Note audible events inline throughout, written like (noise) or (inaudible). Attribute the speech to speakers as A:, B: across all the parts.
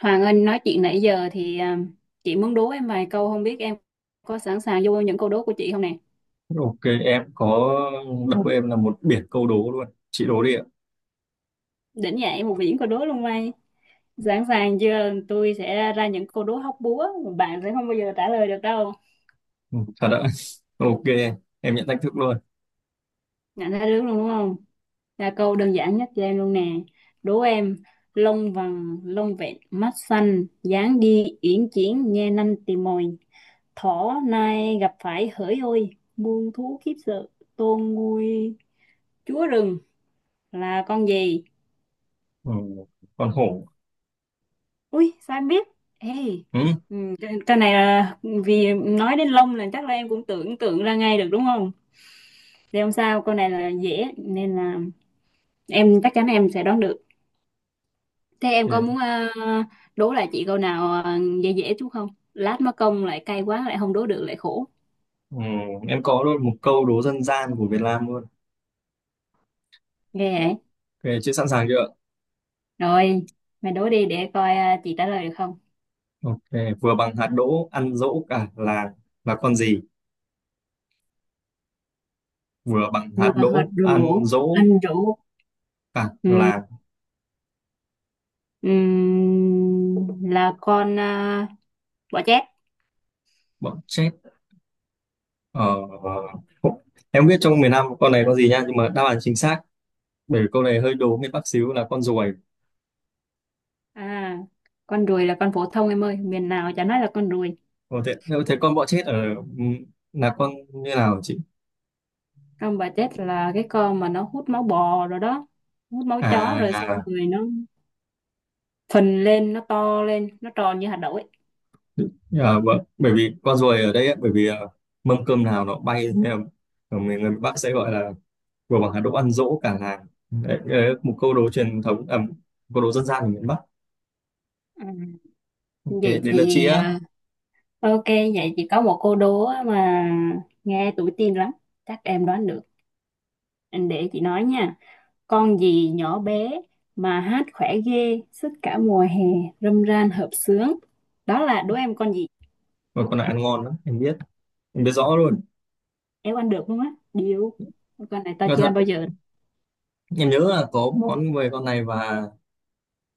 A: Hoàng Anh nói chuyện nãy giờ thì chị muốn đố em vài câu không biết em có sẵn sàng vô những câu đố của chị không nè.
B: Ok, em có đố. Em là một biển câu đố luôn, chị đố đi ạ.
A: Đỉnh nhà một viễn câu đố luôn mày. Sẵn sàng chưa? Tôi sẽ ra những câu đố hóc búa mà bạn sẽ không bao giờ trả lời được đâu.
B: Ừ, Thật ạ? (laughs) Ok, em nhận thách thức luôn.
A: Nhận ra được luôn đúng không? Là câu đơn giản nhất cho em luôn nè. Đố em lông vàng lông vẹn mắt xanh dáng đi uyển chuyển nhe nanh tìm mồi thỏ nai gặp phải hỡi ôi muôn thú khiếp sợ tôn nguôi chúa rừng là con gì.
B: ừ, con hổ.
A: Ui sao em biết. Ê,
B: Ừ,
A: cái này là vì nói đến lông là chắc là em cũng tưởng tượng ra ngay được đúng không. Thì không sao, câu này là dễ nên là em chắc chắn em sẽ đoán được. Thế em
B: thế
A: có
B: à?
A: muốn đố lại chị câu nào dễ dễ chút không, lát mất công lại cay quá lại không đố được lại khổ.
B: Ừ, em có luôn một câu đố dân gian của Việt Nam luôn.
A: Ghê vậy.
B: Ok chị sẵn sàng chưa ạ?
A: Rồi mày đố đi để coi chị trả lời được không.
B: Ok, vừa bằng hạt đỗ ăn dỗ cả làng, là con gì? Vừa bằng
A: Vừa
B: hạt
A: hoạt
B: đỗ ăn
A: rủ
B: dỗ
A: anh rủ.
B: cả
A: Ừ,
B: làng.
A: ừ, là con bọ chét.
B: Bọn chết. ờ, em không biết trong miền Nam con này có gì nha, nhưng mà đáp án chính xác, bởi vì câu này hơi đố miền Bắc xíu, là con ruồi.
A: À, con ruồi là con phổ thông em ơi, miền nào chả nói là con ruồi.
B: Ồ, thế, nếu thế con bọ chết ở ừ, là con như nào chị?
A: Trong bà chết là cái con mà nó hút máu bò rồi đó, hút máu chó
B: À,
A: rồi xong
B: à,
A: rồi nó phình lên, nó to lên, nó tròn như hạt đậu ấy.
B: à, vâng. Bởi vì con ruồi ở đây ấy, bởi vì mâm cơm nào nó bay, nên là ở mình người Bắc sẽ gọi là vừa bằng hạt đỗ ăn dỗ cả làng. Đấy, đấy là một câu đố truyền thống, à, một câu đố dân gian của miền Bắc.
A: Ừ.
B: Ok,
A: Vậy
B: đến lượt chị
A: chị,
B: á.
A: ok, vậy chị có một cô đố á mà nghe tuổi teen lắm, chắc em đoán được. Để chị nói nha, con gì nhỏ bé mà hát khỏe ghê, suốt cả mùa hè, râm ran hợp xướng. Đó là đố em con gì?
B: Mà con này ăn ngon lắm, em biết rõ luôn.
A: Éo ăn được luôn á. Điêu. Con này tao
B: Nhưng mà
A: chưa ăn bao
B: thật,
A: giờ.
B: em nhớ là có món về con này, và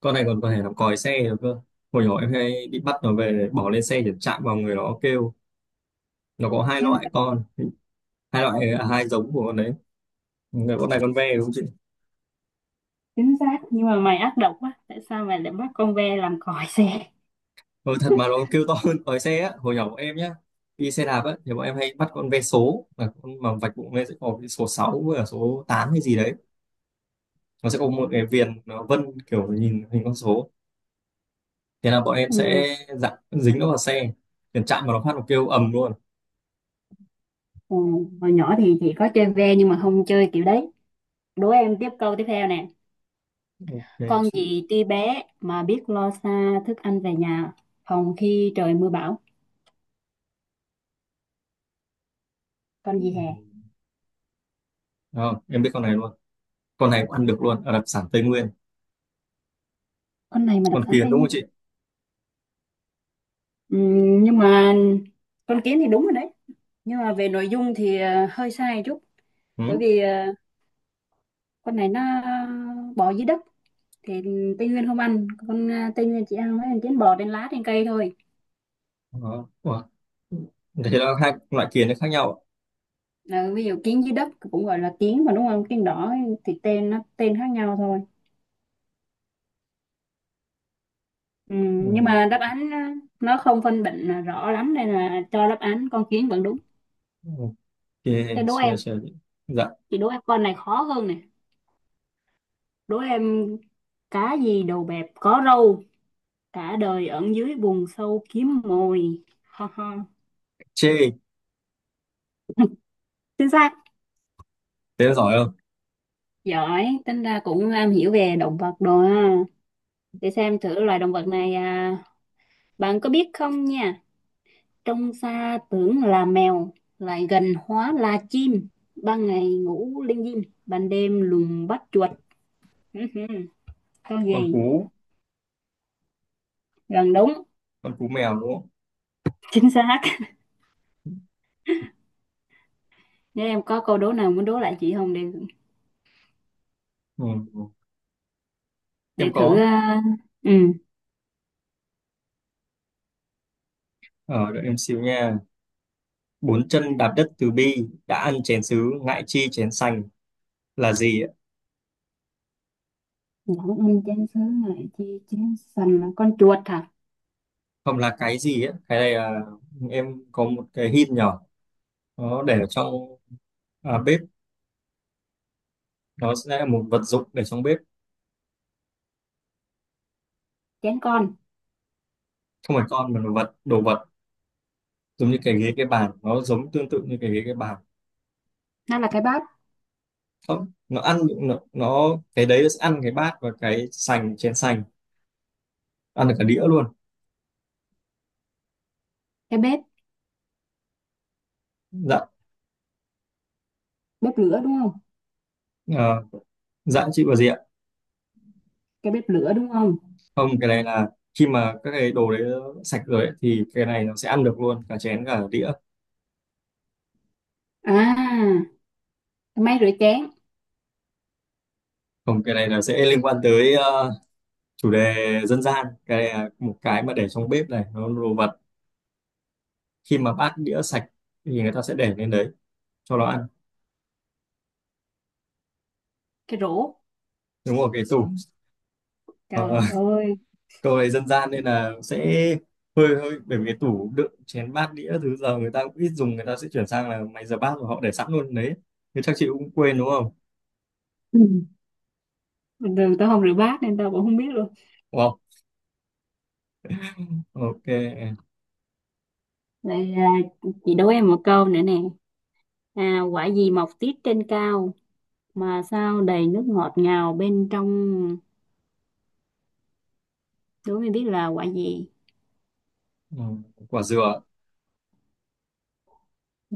B: con này còn có thể làm còi xe được cơ. Hồi nhỏ em hay bị bắt nó về để bỏ lên xe, để chạm vào người nó kêu. Nó có hai
A: Éo ăn.
B: loại con, hai loại hai giống của con đấy. Người con này con ve đúng không chị?
A: Chính xác, nhưng mà mày ác độc quá, tại sao mày lại bắt con ve làm còi xe.
B: Ừ, Thật mà nó kêu to (laughs) hơn còi xe á. Hồi nhỏ bọn em nhá, đi xe đạp á, thì bọn em hay bắt con ve số, là con mà vạch bụng lên sẽ có cái số 6 với cả số 8 hay gì đấy. Nó sẽ có một cái viền, nó vân kiểu nhìn hình con số. Thế là bọn em
A: Ừ.
B: sẽ dặn dính nó vào xe, tiền chạm vào nó phát nó kêu ầm luôn.
A: Ừ. Hồi nhỏ thì chỉ có chơi ve nhưng mà không chơi kiểu đấy. Đố em tiếp câu tiếp theo nè.
B: Ok
A: Con
B: chị.
A: gì tuy bé mà biết lo xa, thức ăn về nhà phòng khi trời mưa bão. Con gì hè?
B: Đó, em biết con này luôn. Con này cũng ăn được luôn, ở đặc sản Tây Nguyên.
A: Con này mà đặc
B: Con
A: sản
B: kiến
A: Tây
B: đúng không
A: Nguyên?
B: chị?
A: Ừ, nhưng mà con kiến thì đúng rồi đấy, nhưng mà về nội dung thì hơi sai chút. Bởi
B: Ừ.
A: vì con này nó bò dưới đất thì Tây Nguyên không ăn con à, Tây Nguyên chỉ ăn mấy con kiến bò trên lá trên cây thôi.
B: Đó. Ủa? Thế là hai loại kiến nó khác nhau
A: Ờ, ví dụ kiến dưới đất cũng gọi là kiến mà đúng không, kiến đỏ thì tên nó tên khác nhau thôi. Ừ, nhưng mà
B: ạ.
A: đáp án nó không phân định là rõ lắm nên là cho đáp án con kiến vẫn đúng.
B: Ừ. Chê,
A: Thế đố
B: chê,
A: em
B: chê. Dạ,
A: chị đố em con này khó hơn nè. Đố em cá gì đầu bẹp có râu, cả đời ẩn dưới bùn sâu kiếm mồi. Ha ha.
B: chê.
A: Chính xác.
B: Thế là giỏi không?
A: Giỏi, tính ra cũng am hiểu về động vật rồi ha. Để xem thử loài động vật này bạn có biết không nha, trông xa tưởng là mèo, lại gần hóa là chim. Ban ngày ngủ linh dim, ban đêm lùng bắt chuột. Hứ hứ, có
B: Con
A: gì?
B: cú,
A: Gần đúng,
B: con cú mèo đúng không?
A: chính xác. Nếu em có câu đố nào muốn đố lại chị không để
B: Ừ. Em
A: để thử.
B: có.
A: Ừ.
B: Ở đợi em xíu nha. Bốn chân đạp đất từ bi, đã ăn chén sứ, ngại chi chén sành, là gì ạ?
A: Dẫn em chén sứ lại chi chén sành là con chuột hả?
B: Không, là cái gì á? Cái này là em có một cái hint nhỏ. Nó để ở trong bếp. Nó sẽ là một vật dụng để trong bếp.
A: Chén con.
B: Không phải con mà là vật, đồ vật. Giống như cái ghế, cái bàn. Nó giống tương tự như cái ghế, cái bàn.
A: Nó là cái bát,
B: Không, nó ăn, nó cái đấy nó sẽ ăn cái bát và cái sành, chén sành, ăn được cả đĩa luôn.
A: cái bếp,
B: Dạ.
A: bếp lửa đúng không?
B: ờ, dạ chị và gì ạ?
A: Cái bếp lửa đúng không?
B: Không, cái này là khi mà các cái đồ đấy sạch rồi ấy, thì cái này nó sẽ ăn được luôn cả chén cả đĩa.
A: À, cái máy rửa chén,
B: Không, cái này là sẽ liên quan tới chủ đề dân gian. Cái này là một cái mà để trong bếp này, nó là đồ vật. Khi mà bát đĩa sạch thì người ta sẽ để lên đấy cho nó ăn.
A: cái rổ.
B: Đúng rồi, cái tủ. Ờ,
A: Trời ơi.
B: (laughs) câu này dân gian nên là sẽ hơi hơi bởi vì cái tủ đựng chén bát đĩa thứ giờ người ta cũng ít dùng, người ta sẽ chuyển sang là máy rửa bát và họ để sẵn luôn đấy. Thế chắc chị cũng quên đúng không?
A: Bình thường tao không rửa bát nên tao cũng không biết luôn.
B: Wow, ok.
A: Vậy chị đố em một câu nữa nè. Quả gì mọc tiết trên cao mà sao đầy nước ngọt ngào bên trong, đố em biết là quả gì?
B: ừ, Quả dừa.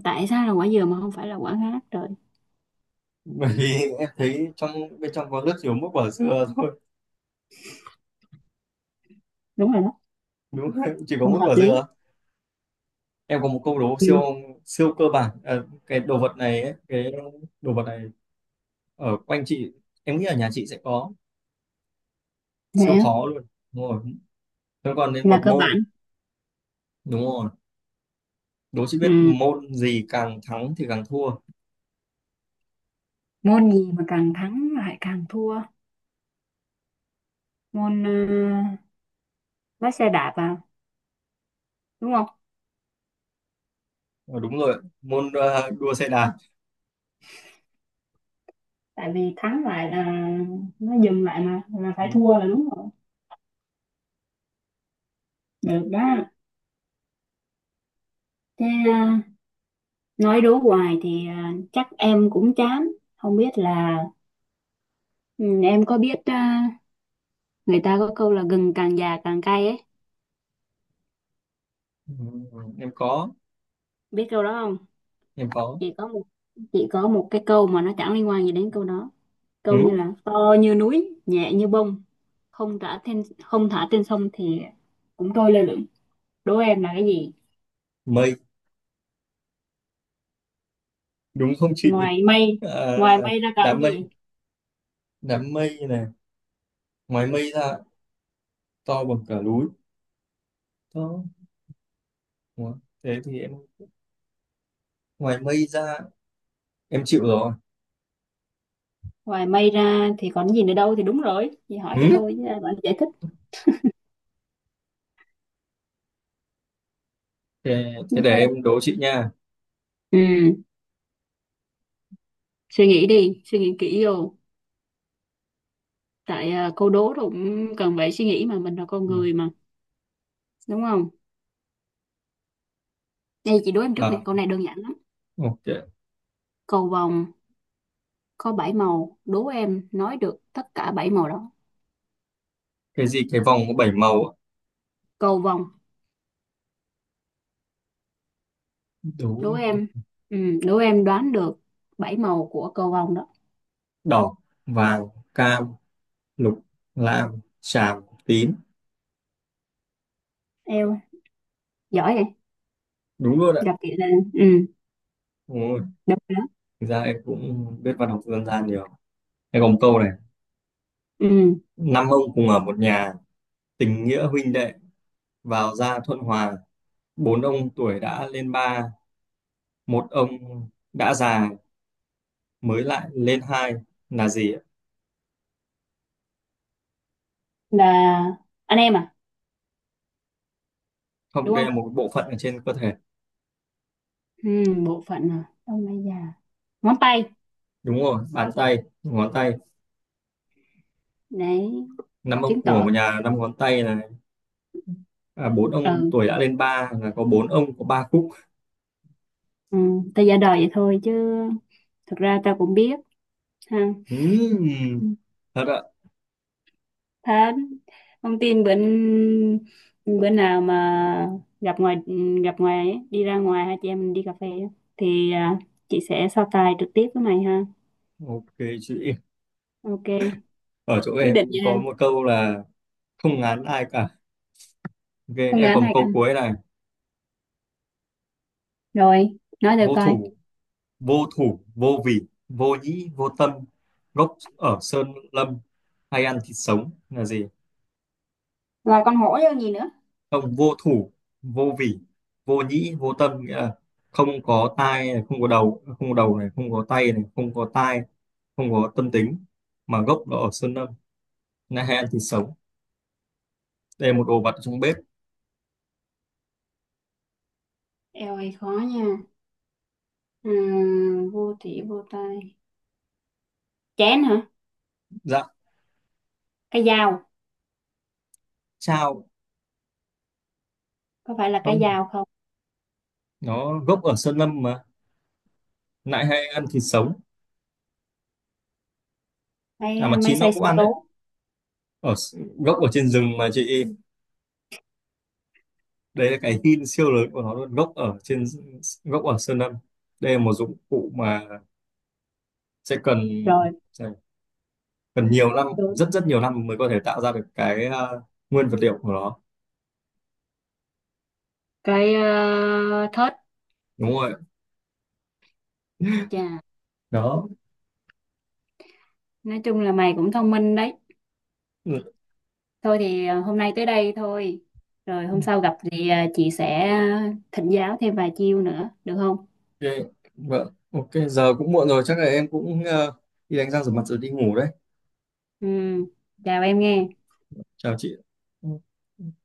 A: Tại sao là quả dừa mà không phải là quả khác trời?
B: (laughs) Bởi vì em thấy trong bên trong có rất nhiều, mỗi quả dừa thôi.
A: Đúng rồi đó,
B: Đúng không? Chỉ có
A: cũng
B: mỗi
A: hợp
B: quả
A: lý.
B: dừa. Em có một câu đố
A: Ừ
B: siêu, siêu cơ bản. Ờ, cái đồ vật này ấy, cái đồ vật này ở quanh chị, em nghĩ ở nhà chị sẽ có.
A: vậy
B: Siêu
A: á,
B: khó luôn. Đúng rồi, nó còn đến
A: là
B: một
A: cơ
B: môn.
A: bản.
B: Đúng rồi, đố chị biết
A: Ừ
B: môn gì càng thắng thì càng thua.
A: môn gì mà càng thắng lại càng thua? Môn lái xe đạp à, đúng không?
B: Ờ, đúng rồi môn đua xe đạp.
A: Tại vì thắng lại là nó dừng lại mà là phải
B: Đúng rồi.
A: thua, là đúng rồi, được đó. Thế à, nói đố hoài thì chắc em cũng chán. Không biết là ừ, em có biết người ta có câu là gừng càng già càng cay ấy.
B: Ừ, em có,
A: Biết câu đó không?
B: em có.
A: Chỉ có một chỉ có một cái câu mà nó chẳng liên quan gì đến câu đó. Câu như
B: ừ,
A: là to như núi, nhẹ như bông, không thả trên sông thì cũng trôi lơ lửng. Đố em là cái gì?
B: Mây, đúng không chị? (laughs)
A: Ngoài mây,
B: Ờ,
A: Ngoài mây ra còn cái
B: đám mây,
A: gì?
B: đám mây này ngoài mây ra to bằng cả núi đó, đó. Thế thì em ngoài mây ra em chịu rồi.
A: Ngoài mây ra thì còn gì nữa đâu, thì đúng rồi. Chị hỏi vậy
B: Ừ?
A: thôi chứ còn giải thích.
B: Thế,
A: Nhưng
B: để
A: mà-
B: em đố chị nha.
A: Ừ, suy nghĩ đi, suy nghĩ kỹ vô. Tại câu đố rồi cũng cần phải suy nghĩ mà, mình là con người mà, đúng không? Đây chị đố em trước nè,
B: À,
A: câu này đơn giản lắm.
B: ok.
A: Cầu vồng có bảy màu, đố em nói được tất cả bảy màu đó.
B: Cái gì cái vòng có bảy màu á?
A: Cầu vồng
B: Đố
A: đố
B: em.
A: em, đố em đoán được bảy màu của cầu vồng đó.
B: Đỏ, vàng, cam, lục, lam, xám, tím.
A: Em giỏi vậy.
B: Đúng luôn ạ.
A: Gặp chị là ừ,
B: Ôi,
A: được rồi đó.
B: thực ra em cũng biết văn học dân gian nhiều. Em còn một câu này.
A: Ừ
B: Năm ông cùng ở một nhà, tình nghĩa huynh đệ vào ra thuận hòa, bốn ông tuổi đã lên ba, một ông đã già mới lại lên hai, là gì ạ?
A: là anh em à,
B: Không,
A: đúng
B: đây
A: không?
B: là một bộ phận ở trên cơ thể.
A: Ừ bộ phận à, ông này già, ngón tay
B: Đúng rồi, bàn tay, ngón tay.
A: để
B: Năm ông
A: chứng
B: cùng ở
A: tỏ.
B: một nhà, năm ngón tay là bốn ông
A: Ừ,
B: tuổi đã lên ba là có bốn ông có ba khúc.
A: ừ. Ta giả đời vậy thôi chứ thực ra ta cũng biết ha.
B: Ừm, thật ạ.
A: Thật, không tin bữa bữa nào mà gặp ngoài gặp ngoài ấy, đi ra ngoài hai chị em mình đi cà phê á, thì chị sẽ so tài trực tiếp với mày ha.
B: Ok chị,
A: Ok,
B: ở chỗ
A: quyết
B: em
A: định
B: có
A: nha.
B: một câu là không ngán ai cả. Ok,
A: Phương
B: em
A: án
B: còn một
A: này
B: câu
A: ăn.
B: cuối này.
A: Rồi, nói thử
B: vô
A: coi.
B: thủ Vô thủ vô vị, vô nhĩ vô tâm, gốc ở sơn lâm, hay ăn thịt sống, là gì?
A: Rồi con hổ vô gì nữa?
B: Không, vô thủ vô vị, vô nhĩ vô tâm nghĩa là không có tai này, không có đầu, không có đầu này không có tay này, không có tai, không có tâm tính, mà gốc nó ở sơn lâm, na hẹn thì sống. Đây là một đồ vật trong bếp.
A: Eo ơi khó nha. À, vô thị vô tay. Chén hả?
B: Dạ.
A: Cái dao.
B: Chao.
A: Có phải là cái
B: Không,
A: dao không?
B: nó gốc ở sơn lâm mà, nại hay ăn thịt sống. À mà
A: Máy
B: chín nó
A: xay
B: cũng
A: sinh
B: ăn
A: tố.
B: đấy. Ở gốc ở trên rừng mà chị, đây là cái hin siêu lớn của nó luôn, gốc ở trên, gốc ở sơn lâm. Đây là một dụng cụ mà sẽ cần,
A: Rồi,
B: sẽ cần nhiều năm,
A: đúng.
B: rất rất nhiều năm mới có thể tạo ra được cái nguyên vật liệu của nó.
A: Cái thớt.
B: Đúng rồi
A: Chà,
B: đó.
A: nói chung là mày cũng thông minh đấy.
B: Ừ,
A: Thôi thì hôm nay tới đây thôi. Rồi hôm sau gặp thì chị sẽ thỉnh giáo thêm vài chiêu nữa, được không?
B: ok. Vâng, ok giờ cũng muộn rồi, chắc là em cũng đi đánh răng rửa mặt rồi đi ngủ đấy.
A: Ừ, chào em nghe.
B: Chào chị. Ừ.